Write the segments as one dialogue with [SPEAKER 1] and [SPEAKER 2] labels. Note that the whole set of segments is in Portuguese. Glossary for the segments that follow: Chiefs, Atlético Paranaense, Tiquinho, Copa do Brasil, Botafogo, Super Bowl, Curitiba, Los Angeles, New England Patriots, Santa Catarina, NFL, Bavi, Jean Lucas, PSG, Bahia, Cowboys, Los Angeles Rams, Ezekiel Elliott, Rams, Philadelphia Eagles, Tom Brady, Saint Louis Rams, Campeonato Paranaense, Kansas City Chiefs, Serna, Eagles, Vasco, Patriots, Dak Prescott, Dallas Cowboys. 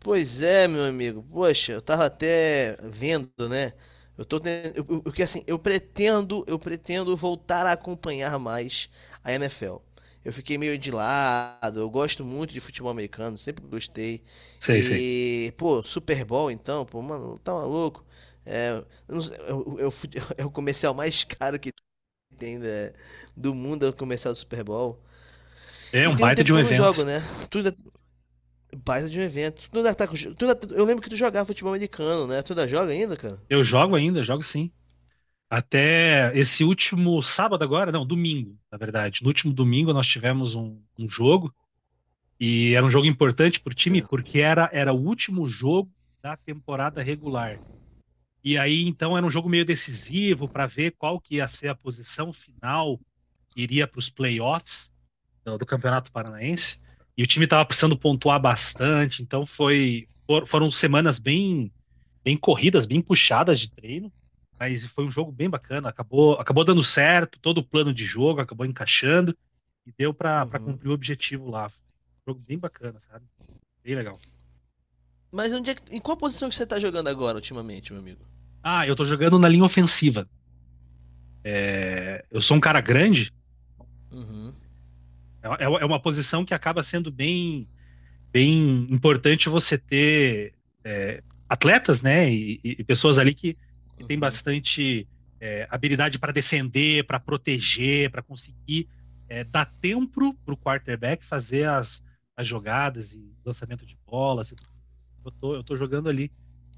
[SPEAKER 1] Pois é, meu amigo. Poxa, eu tava até vendo, né? Eu tô ten- eu, que assim, eu pretendo voltar a acompanhar mais a NFL. Eu fiquei meio de lado, eu gosto muito de futebol americano, sempre gostei.
[SPEAKER 2] Sei, sei.
[SPEAKER 1] E, pô, Super Bowl então, pô, mano, tá maluco? É, não sei, é o comercial mais caro que tem, né, do mundo, é o comercial do Super Bowl.
[SPEAKER 2] É
[SPEAKER 1] E
[SPEAKER 2] um
[SPEAKER 1] tem um
[SPEAKER 2] baita
[SPEAKER 1] tempo
[SPEAKER 2] de um
[SPEAKER 1] que eu não
[SPEAKER 2] evento.
[SPEAKER 1] jogo, né? Tu, Baita de um evento. Tu ainda tá com... tu ainda- Eu lembro que tu jogava futebol americano, né? Tu ainda joga ainda, cara?
[SPEAKER 2] Eu jogo ainda, jogo sim. Até esse último sábado agora, não, domingo, na verdade. No último domingo nós tivemos um jogo, e era um jogo importante pro time
[SPEAKER 1] Você...
[SPEAKER 2] porque era o último jogo da temporada regular. E aí então era um jogo meio decisivo para ver qual que ia ser a posição final que iria para os playoffs do Campeonato Paranaense. E o time estava precisando pontuar bastante, então foram semanas bem corridas, bem puxadas de treino, mas foi um jogo bem bacana. Acabou dando certo, todo o plano de jogo acabou encaixando e deu pra para
[SPEAKER 1] Uhum.
[SPEAKER 2] cumprir o objetivo lá. Foi um jogo bem bacana, sabe? Bem legal.
[SPEAKER 1] Em qual posição que você tá jogando agora, ultimamente, meu amigo?
[SPEAKER 2] Ah, eu tô jogando na linha ofensiva. Eu sou um cara grande,
[SPEAKER 1] Uhum.
[SPEAKER 2] é uma posição que acaba sendo bem importante você ter, é, atletas, né, e pessoas ali que têm bastante, habilidade para defender, para proteger, para conseguir, dar tempo para o quarterback fazer as jogadas e lançamento de bolas e tudo. Eu tô jogando ali.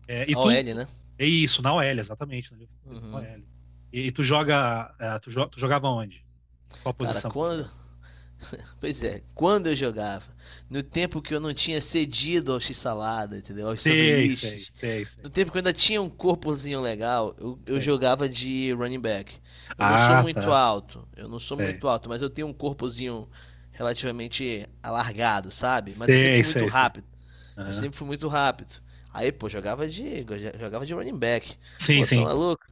[SPEAKER 2] É, e
[SPEAKER 1] A
[SPEAKER 2] tu,
[SPEAKER 1] OL,
[SPEAKER 2] tu-
[SPEAKER 1] né?
[SPEAKER 2] É isso, na OL, exatamente, na linha ofensiva, na
[SPEAKER 1] Uhum.
[SPEAKER 2] OL. E tu joga, é, tu, jo- tu jogava onde? Qual a
[SPEAKER 1] Cara,
[SPEAKER 2] posição que tu
[SPEAKER 1] quando...
[SPEAKER 2] jogava?
[SPEAKER 1] Pois é, quando eu jogava, no tempo que eu não tinha cedido ao x-salada, entendeu? Aos
[SPEAKER 2] Sei, sei,
[SPEAKER 1] sanduíches,
[SPEAKER 2] sei, sei,
[SPEAKER 1] no tempo que eu ainda tinha um corpozinho legal, eu
[SPEAKER 2] sei.
[SPEAKER 1] jogava de running back. Eu não sou
[SPEAKER 2] Ah,
[SPEAKER 1] muito
[SPEAKER 2] tá.
[SPEAKER 1] alto, eu não sou
[SPEAKER 2] Sei.
[SPEAKER 1] muito alto, mas eu tenho um corpozinho relativamente alargado, sabe? Mas eu sempre
[SPEAKER 2] Sei,
[SPEAKER 1] fui muito
[SPEAKER 2] sei, sei.
[SPEAKER 1] rápido, eu
[SPEAKER 2] Aham.
[SPEAKER 1] sempre fui muito rápido. Aí, pô, jogava de running back.
[SPEAKER 2] Sim,
[SPEAKER 1] Pô, tá
[SPEAKER 2] sim.
[SPEAKER 1] maluco?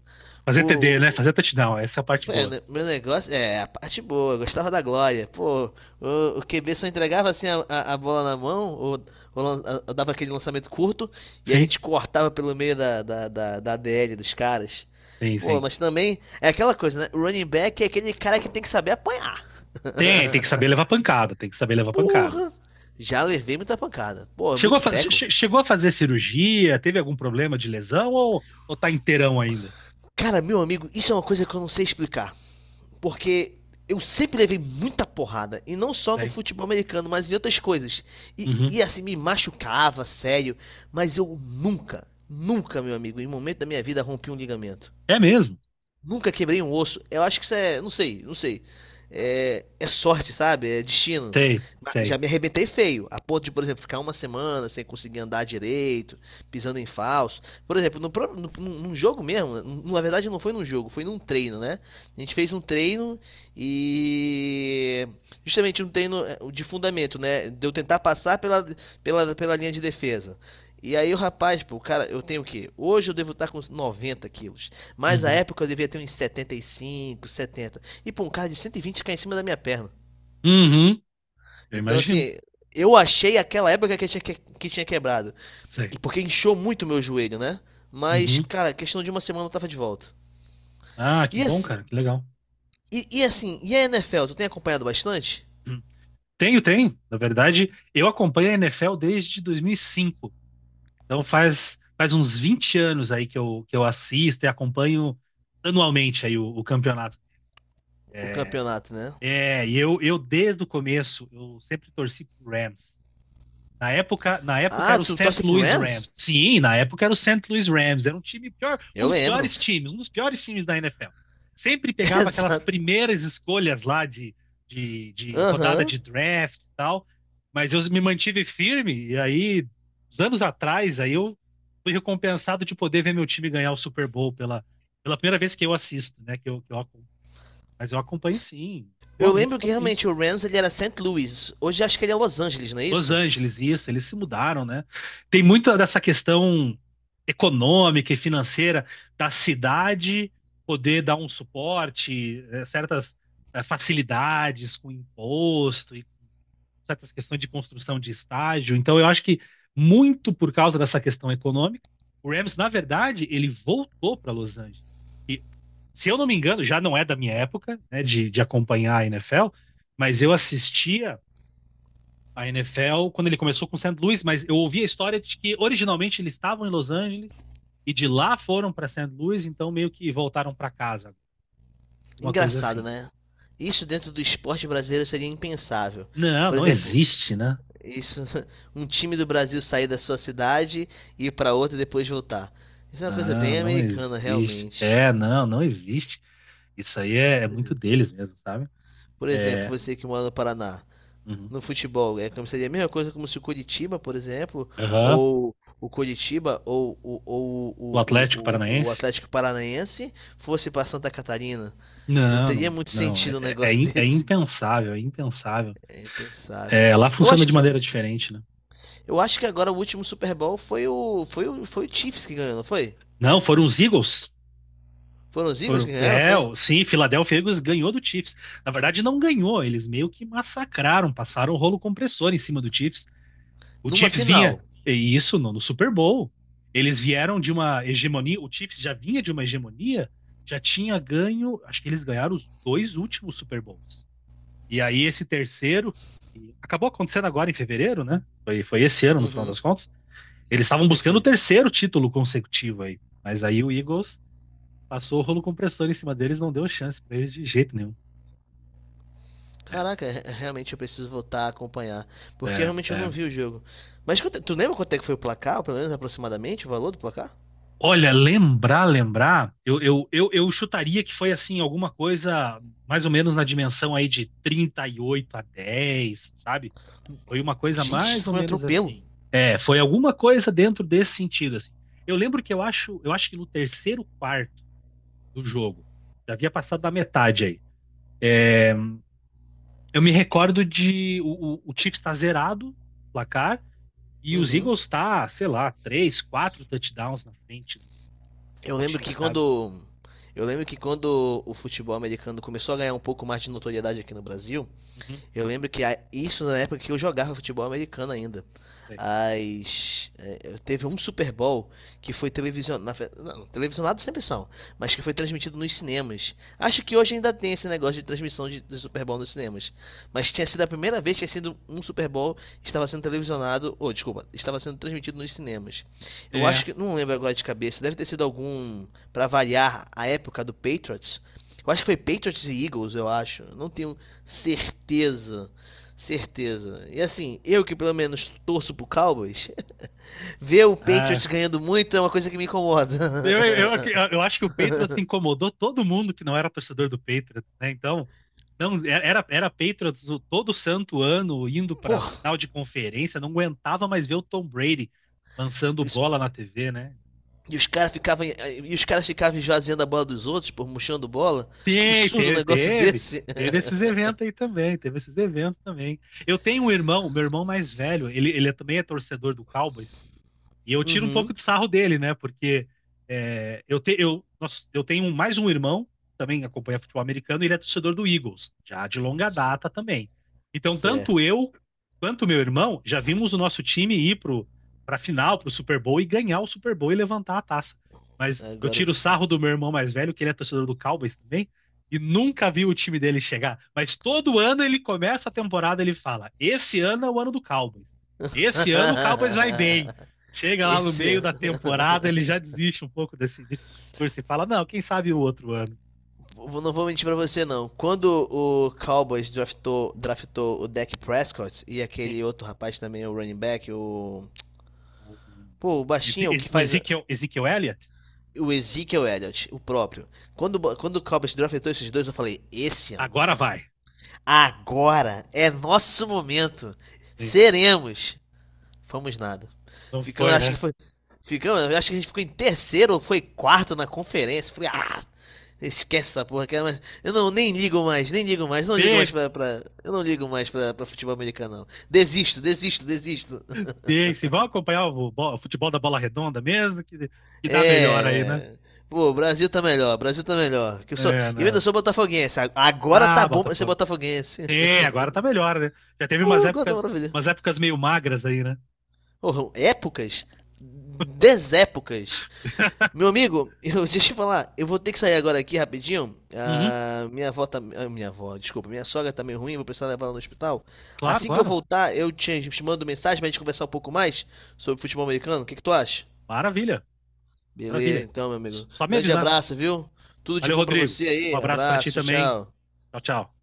[SPEAKER 2] Fazer TD, né?
[SPEAKER 1] O,
[SPEAKER 2] Fazer touchdown, essa é a parte
[SPEAKER 1] É,
[SPEAKER 2] boa.
[SPEAKER 1] né, meu negócio é a parte boa, eu gostava da glória. Pô, o QB só entregava assim a bola na mão, ou, ou dava aquele lançamento curto, e a
[SPEAKER 2] Sim,
[SPEAKER 1] gente cortava pelo meio da DL dos caras.
[SPEAKER 2] sim,
[SPEAKER 1] Pô,
[SPEAKER 2] sim.
[SPEAKER 1] mas também é aquela coisa, né? O running back é aquele cara que tem que saber apanhar.
[SPEAKER 2] Tem que saber levar pancada, tem que saber levar pancada.
[SPEAKER 1] Porra! Já levei muita pancada. Pô, é
[SPEAKER 2] Chegou a,
[SPEAKER 1] muito
[SPEAKER 2] fa-
[SPEAKER 1] teco.
[SPEAKER 2] che- chegou a fazer cirurgia? Teve algum problema de lesão, ou tá inteirão ainda?
[SPEAKER 1] Cara, meu amigo, isso é uma coisa que eu não sei explicar. Porque eu sempre levei muita porrada. E não só no
[SPEAKER 2] Sei.
[SPEAKER 1] futebol americano, mas em outras coisas. E,
[SPEAKER 2] Uhum.
[SPEAKER 1] e assim, me machucava, sério. Mas eu nunca, nunca, meu amigo, em momento da minha vida, rompi um ligamento.
[SPEAKER 2] É mesmo?
[SPEAKER 1] Nunca quebrei um osso. Eu acho que isso é. Não sei, não sei. É, é sorte, sabe? É destino.
[SPEAKER 2] Sei,
[SPEAKER 1] Mas já
[SPEAKER 2] sei.
[SPEAKER 1] me arrebentei feio, a ponto de, por exemplo, ficar uma semana sem conseguir andar direito, pisando em falso. Por exemplo, no, pró- no, num jogo mesmo, na verdade não foi num jogo, foi num treino, né? A gente fez um treino e. Justamente um treino, de fundamento, né? De eu tentar passar pela linha de defesa. E aí o rapaz, pô, o cara, eu tenho o quê? Hoje eu devo estar com uns 90 quilos. Mas a
[SPEAKER 2] Uhum.
[SPEAKER 1] época eu devia ter uns 75, 70. E pô, um cara de 120 cai em cima da minha perna.
[SPEAKER 2] Uhum. Eu
[SPEAKER 1] Então,
[SPEAKER 2] imagino.
[SPEAKER 1] assim, eu achei aquela época que tinha quebrado.
[SPEAKER 2] Sei.
[SPEAKER 1] E porque inchou muito o meu joelho, né? Mas,
[SPEAKER 2] Uhum.
[SPEAKER 1] cara, questão de uma semana eu tava de volta.
[SPEAKER 2] Ah, que
[SPEAKER 1] E
[SPEAKER 2] bom,
[SPEAKER 1] assim,
[SPEAKER 2] cara, que legal.
[SPEAKER 1] e a NFL, tu tem acompanhado bastante
[SPEAKER 2] Hum. Tenho, tenho. Na verdade, eu acompanho a NFL desde 2005. Então faz uns 20 anos aí que eu assisto e acompanho anualmente aí o campeonato.
[SPEAKER 1] o campeonato, né?
[SPEAKER 2] É, e eu desde o começo, eu sempre torci pro Rams. Na época
[SPEAKER 1] Ah,
[SPEAKER 2] era o
[SPEAKER 1] tu
[SPEAKER 2] Saint
[SPEAKER 1] torce pro
[SPEAKER 2] Louis Rams.
[SPEAKER 1] Rams?
[SPEAKER 2] Sim, na época era o Saint Louis Rams. Era um time pior, um
[SPEAKER 1] Eu
[SPEAKER 2] dos
[SPEAKER 1] lembro.
[SPEAKER 2] piores times, um dos piores times da NFL. Sempre pegava aquelas
[SPEAKER 1] Exato.
[SPEAKER 2] primeiras escolhas lá de rodada
[SPEAKER 1] Aham.
[SPEAKER 2] de draft e tal. Mas eu me mantive firme, e aí, uns anos atrás, aí eu fui recompensado de poder ver meu time ganhar o Super Bowl pela primeira vez que eu assisto, né? Que eu Mas eu acompanho, sim.
[SPEAKER 1] Eu
[SPEAKER 2] Normalmente,
[SPEAKER 1] lembro que
[SPEAKER 2] também
[SPEAKER 1] realmente o Rams ele era Saint Louis. Hoje acho que ele é Los Angeles, não é
[SPEAKER 2] Los
[SPEAKER 1] isso?
[SPEAKER 2] Angeles, isso, eles se mudaram, né? Tem muita dessa questão econômica e financeira da cidade poder dar um suporte, certas, facilidades com imposto e certas questões de construção de estágio. Então, eu acho que muito por causa dessa questão econômica, o Rams, na verdade, ele voltou para Los Angeles. E, se eu não me engano, já não é da minha época, né, de acompanhar a NFL, mas eu assistia a NFL quando ele começou com o St. Louis, mas eu ouvi a história de que originalmente eles estavam em Los Angeles e de lá foram para St. Louis, então meio que voltaram para casa, uma coisa
[SPEAKER 1] Engraçado,
[SPEAKER 2] assim.
[SPEAKER 1] né? Isso dentro do esporte brasileiro seria impensável.
[SPEAKER 2] Não,
[SPEAKER 1] Por
[SPEAKER 2] não
[SPEAKER 1] exemplo,
[SPEAKER 2] existe, né?
[SPEAKER 1] isso, um time do Brasil sair da sua cidade e ir para outra e depois voltar. Isso é uma coisa
[SPEAKER 2] Não,
[SPEAKER 1] bem
[SPEAKER 2] não
[SPEAKER 1] americana,
[SPEAKER 2] existe.
[SPEAKER 1] realmente.
[SPEAKER 2] É, não, não existe. Isso aí é
[SPEAKER 1] Pois
[SPEAKER 2] muito
[SPEAKER 1] é.
[SPEAKER 2] deles mesmo, sabe?
[SPEAKER 1] Por exemplo,
[SPEAKER 2] É,
[SPEAKER 1] você que mora no Paraná,
[SPEAKER 2] uhum.
[SPEAKER 1] no futebol, é como seria a mesma coisa como se o Curitiba, por exemplo,
[SPEAKER 2] Aham.
[SPEAKER 1] ou o Curitiba ou
[SPEAKER 2] O Atlético
[SPEAKER 1] o
[SPEAKER 2] Paranaense?
[SPEAKER 1] Atlético Paranaense fosse para Santa Catarina. Não
[SPEAKER 2] Não,
[SPEAKER 1] teria
[SPEAKER 2] não,
[SPEAKER 1] muito
[SPEAKER 2] não.
[SPEAKER 1] sentido um negócio
[SPEAKER 2] É
[SPEAKER 1] desse.
[SPEAKER 2] impensável, é impensável.
[SPEAKER 1] É impensável.
[SPEAKER 2] É, lá
[SPEAKER 1] Eu
[SPEAKER 2] funciona
[SPEAKER 1] acho
[SPEAKER 2] de
[SPEAKER 1] que
[SPEAKER 2] maneira diferente, né?
[SPEAKER 1] Eu acho que agora o último Super Bowl foi o Chiefs que ganhou, não foi?
[SPEAKER 2] Não, foram os Eagles.
[SPEAKER 1] Foram os Eagles que
[SPEAKER 2] Foram-
[SPEAKER 1] ganharam,
[SPEAKER 2] é,
[SPEAKER 1] foi?
[SPEAKER 2] o- sim, Philadelphia Eagles ganhou do Chiefs. Na verdade, não ganhou, eles meio que massacraram, passaram o rolo compressor em cima do Chiefs. O
[SPEAKER 1] Numa
[SPEAKER 2] Chiefs vinha,
[SPEAKER 1] final.
[SPEAKER 2] e isso no Super Bowl. Eles vieram de uma hegemonia, o Chiefs já vinha de uma hegemonia, já tinha ganho, acho que eles ganharam os dois últimos Super Bowls. E aí esse terceiro, e acabou acontecendo agora em fevereiro, né? Foi esse ano, no final
[SPEAKER 1] Uhum,
[SPEAKER 2] das contas. Eles estavam buscando o
[SPEAKER 1] perfeito.
[SPEAKER 2] terceiro título consecutivo aí. Mas aí o Eagles passou o rolo compressor em cima deles, não deu chance pra eles de jeito nenhum. É,
[SPEAKER 1] Caraca, realmente eu preciso voltar a acompanhar. Porque
[SPEAKER 2] é,
[SPEAKER 1] realmente eu não
[SPEAKER 2] é.
[SPEAKER 1] vi o jogo. Mas tu lembra quanto é que foi o placar, ou pelo menos aproximadamente o valor do placar?
[SPEAKER 2] Olha, eu chutaria que foi assim, alguma coisa mais ou menos na dimensão aí de 38-10, sabe? Foi uma coisa
[SPEAKER 1] Gente,
[SPEAKER 2] mais
[SPEAKER 1] isso
[SPEAKER 2] ou
[SPEAKER 1] foi um
[SPEAKER 2] menos
[SPEAKER 1] atropelo.
[SPEAKER 2] assim. É, foi alguma coisa dentro desse sentido, assim. Eu lembro que eu acho que no terceiro quarto do jogo já havia passado da metade aí. Eu me recordo de o Chiefs estar zerado, placar, e os
[SPEAKER 1] Uhum.
[SPEAKER 2] Eagles tá, sei lá, três, quatro touchdowns na frente do
[SPEAKER 1] Eu lembro que
[SPEAKER 2] Chiefs, sabe?
[SPEAKER 1] quando. Eu lembro que quando o futebol americano começou a ganhar um pouco mais de notoriedade aqui no Brasil,
[SPEAKER 2] Uhum.
[SPEAKER 1] eu lembro que isso na época que eu jogava futebol americano ainda.
[SPEAKER 2] É.
[SPEAKER 1] Teve um Super Bowl que foi televisionado. Não, televisionado sempre são, mas que foi transmitido nos cinemas. Acho que hoje ainda tem esse negócio de transmissão de Super Bowl nos cinemas. Mas tinha sido a primeira vez que tinha sido um Super Bowl que estava sendo televisionado. Ou, desculpa, estava sendo transmitido nos cinemas. Eu
[SPEAKER 2] É.
[SPEAKER 1] acho que. Não lembro agora de cabeça. Deve ter sido algum para variar a época do Patriots. Eu acho que foi Patriots e Eagles, eu acho. Não tenho certeza. Certeza. E assim, eu que pelo menos torço pro Cowboys, ver o
[SPEAKER 2] Ah,
[SPEAKER 1] Patriots ganhando muito é uma coisa que me incomoda.
[SPEAKER 2] eu, eu, eu acho que o Patriots incomodou todo mundo que não era torcedor do Patriots, né? Então, não, era Patriots, todo santo ano indo
[SPEAKER 1] Pô,
[SPEAKER 2] para final de conferência, não aguentava mais ver o Tom Brady lançando
[SPEAKER 1] isso-
[SPEAKER 2] bola na TV, né?
[SPEAKER 1] e os caras ficavam esvaziando a bola dos outros, por murchando bola. Um
[SPEAKER 2] Sim,
[SPEAKER 1] absurdo um
[SPEAKER 2] teve,
[SPEAKER 1] negócio
[SPEAKER 2] teve.
[SPEAKER 1] desse.
[SPEAKER 2] Teve esses eventos aí também, teve esses eventos também. Eu tenho um irmão, meu irmão mais velho, também é torcedor do Cowboys, e eu tiro um pouco
[SPEAKER 1] Uhum.
[SPEAKER 2] de sarro dele, né? Porque é, eu, te- eu, nós- eu tenho mais um irmão, também acompanha futebol americano, e ele é torcedor do Eagles, já de longa
[SPEAKER 1] C-
[SPEAKER 2] data também. Então, tanto
[SPEAKER 1] Certo.
[SPEAKER 2] eu quanto meu irmão já vimos o nosso time ir pra final, pro Super Bowl, e ganhar o Super Bowl e levantar a taça. Mas eu
[SPEAKER 1] Agora
[SPEAKER 2] tiro o sarro do meu irmão mais velho, que ele é torcedor do Cowboys também, e nunca vi o time dele chegar. Mas todo ano ele começa a temporada, ele fala: Esse ano é o ano do Cowboys. Esse ano o Cowboys vai bem. Chega lá no meio
[SPEAKER 1] Esse
[SPEAKER 2] da temporada, ele já desiste um pouco desse discurso e fala: não, quem sabe o outro ano.
[SPEAKER 1] não vou mentir pra você, não. Quando o Cowboys draftou o Dak Prescott e
[SPEAKER 2] Sim.
[SPEAKER 1] aquele outro rapaz também, o running back, o.
[SPEAKER 2] O
[SPEAKER 1] Pô, o baixinho, o
[SPEAKER 2] Eze-
[SPEAKER 1] que
[SPEAKER 2] o
[SPEAKER 1] faz.
[SPEAKER 2] Ezekiel, Ezekiel Elliott?
[SPEAKER 1] O Ezekiel Elliott, o próprio. Quando o Cowboys draftou esses dois, eu falei: esse ano,
[SPEAKER 2] Agora vai.
[SPEAKER 1] agora é nosso momento. Seremos. Fomos nada.
[SPEAKER 2] Não
[SPEAKER 1] Ficamos,
[SPEAKER 2] foi,
[SPEAKER 1] acho que
[SPEAKER 2] né?
[SPEAKER 1] foi. Ficamos, acho que a gente ficou em terceiro ou foi quarto na conferência. Falei, ah, esquece essa porra, cara, mas eu não nem ligo mais, nem ligo mais, não ligo mais pra, pra- eu não ligo mais pra, pra futebol americano, não. Desisto, desisto, desisto.
[SPEAKER 2] Paciência. Vão acompanhar o futebol da bola redonda mesmo, que,
[SPEAKER 1] É,
[SPEAKER 2] dá melhor aí, né?
[SPEAKER 1] é. Pô, o Brasil tá melhor, o Brasil tá melhor. Que eu sou,
[SPEAKER 2] É,
[SPEAKER 1] e eu ainda
[SPEAKER 2] não.
[SPEAKER 1] sou botafoguense. Agora tá
[SPEAKER 2] Ah,
[SPEAKER 1] bom pra ser
[SPEAKER 2] Botafogo.
[SPEAKER 1] botafoguense.
[SPEAKER 2] Sim, agora tá melhor, né? Já teve umas
[SPEAKER 1] Agora tá
[SPEAKER 2] épocas,
[SPEAKER 1] maravilha.
[SPEAKER 2] umas épocas meio magras aí, né?
[SPEAKER 1] Oh, épocas, desépocas. Meu amigo, deixa eu falar, eu vou ter que sair agora aqui rapidinho.
[SPEAKER 2] Uhum,
[SPEAKER 1] Ah, minha avó tá. Ah, minha avó, desculpa, minha sogra tá meio ruim, vou precisar levar ela no hospital.
[SPEAKER 2] claro,
[SPEAKER 1] Assim que eu
[SPEAKER 2] claro.
[SPEAKER 1] voltar, eu te mando mensagem pra gente conversar um pouco mais sobre futebol americano. O que que tu acha?
[SPEAKER 2] Maravilha, maravilha.
[SPEAKER 1] Beleza, então, meu amigo.
[SPEAKER 2] Só me
[SPEAKER 1] Grande
[SPEAKER 2] avisar.
[SPEAKER 1] abraço, viu? Tudo de
[SPEAKER 2] Valeu,
[SPEAKER 1] bom pra
[SPEAKER 2] Rodrigo.
[SPEAKER 1] você
[SPEAKER 2] Um
[SPEAKER 1] aí.
[SPEAKER 2] abraço para ti
[SPEAKER 1] Abraço,
[SPEAKER 2] também.
[SPEAKER 1] tchau.
[SPEAKER 2] Tchau, tchau.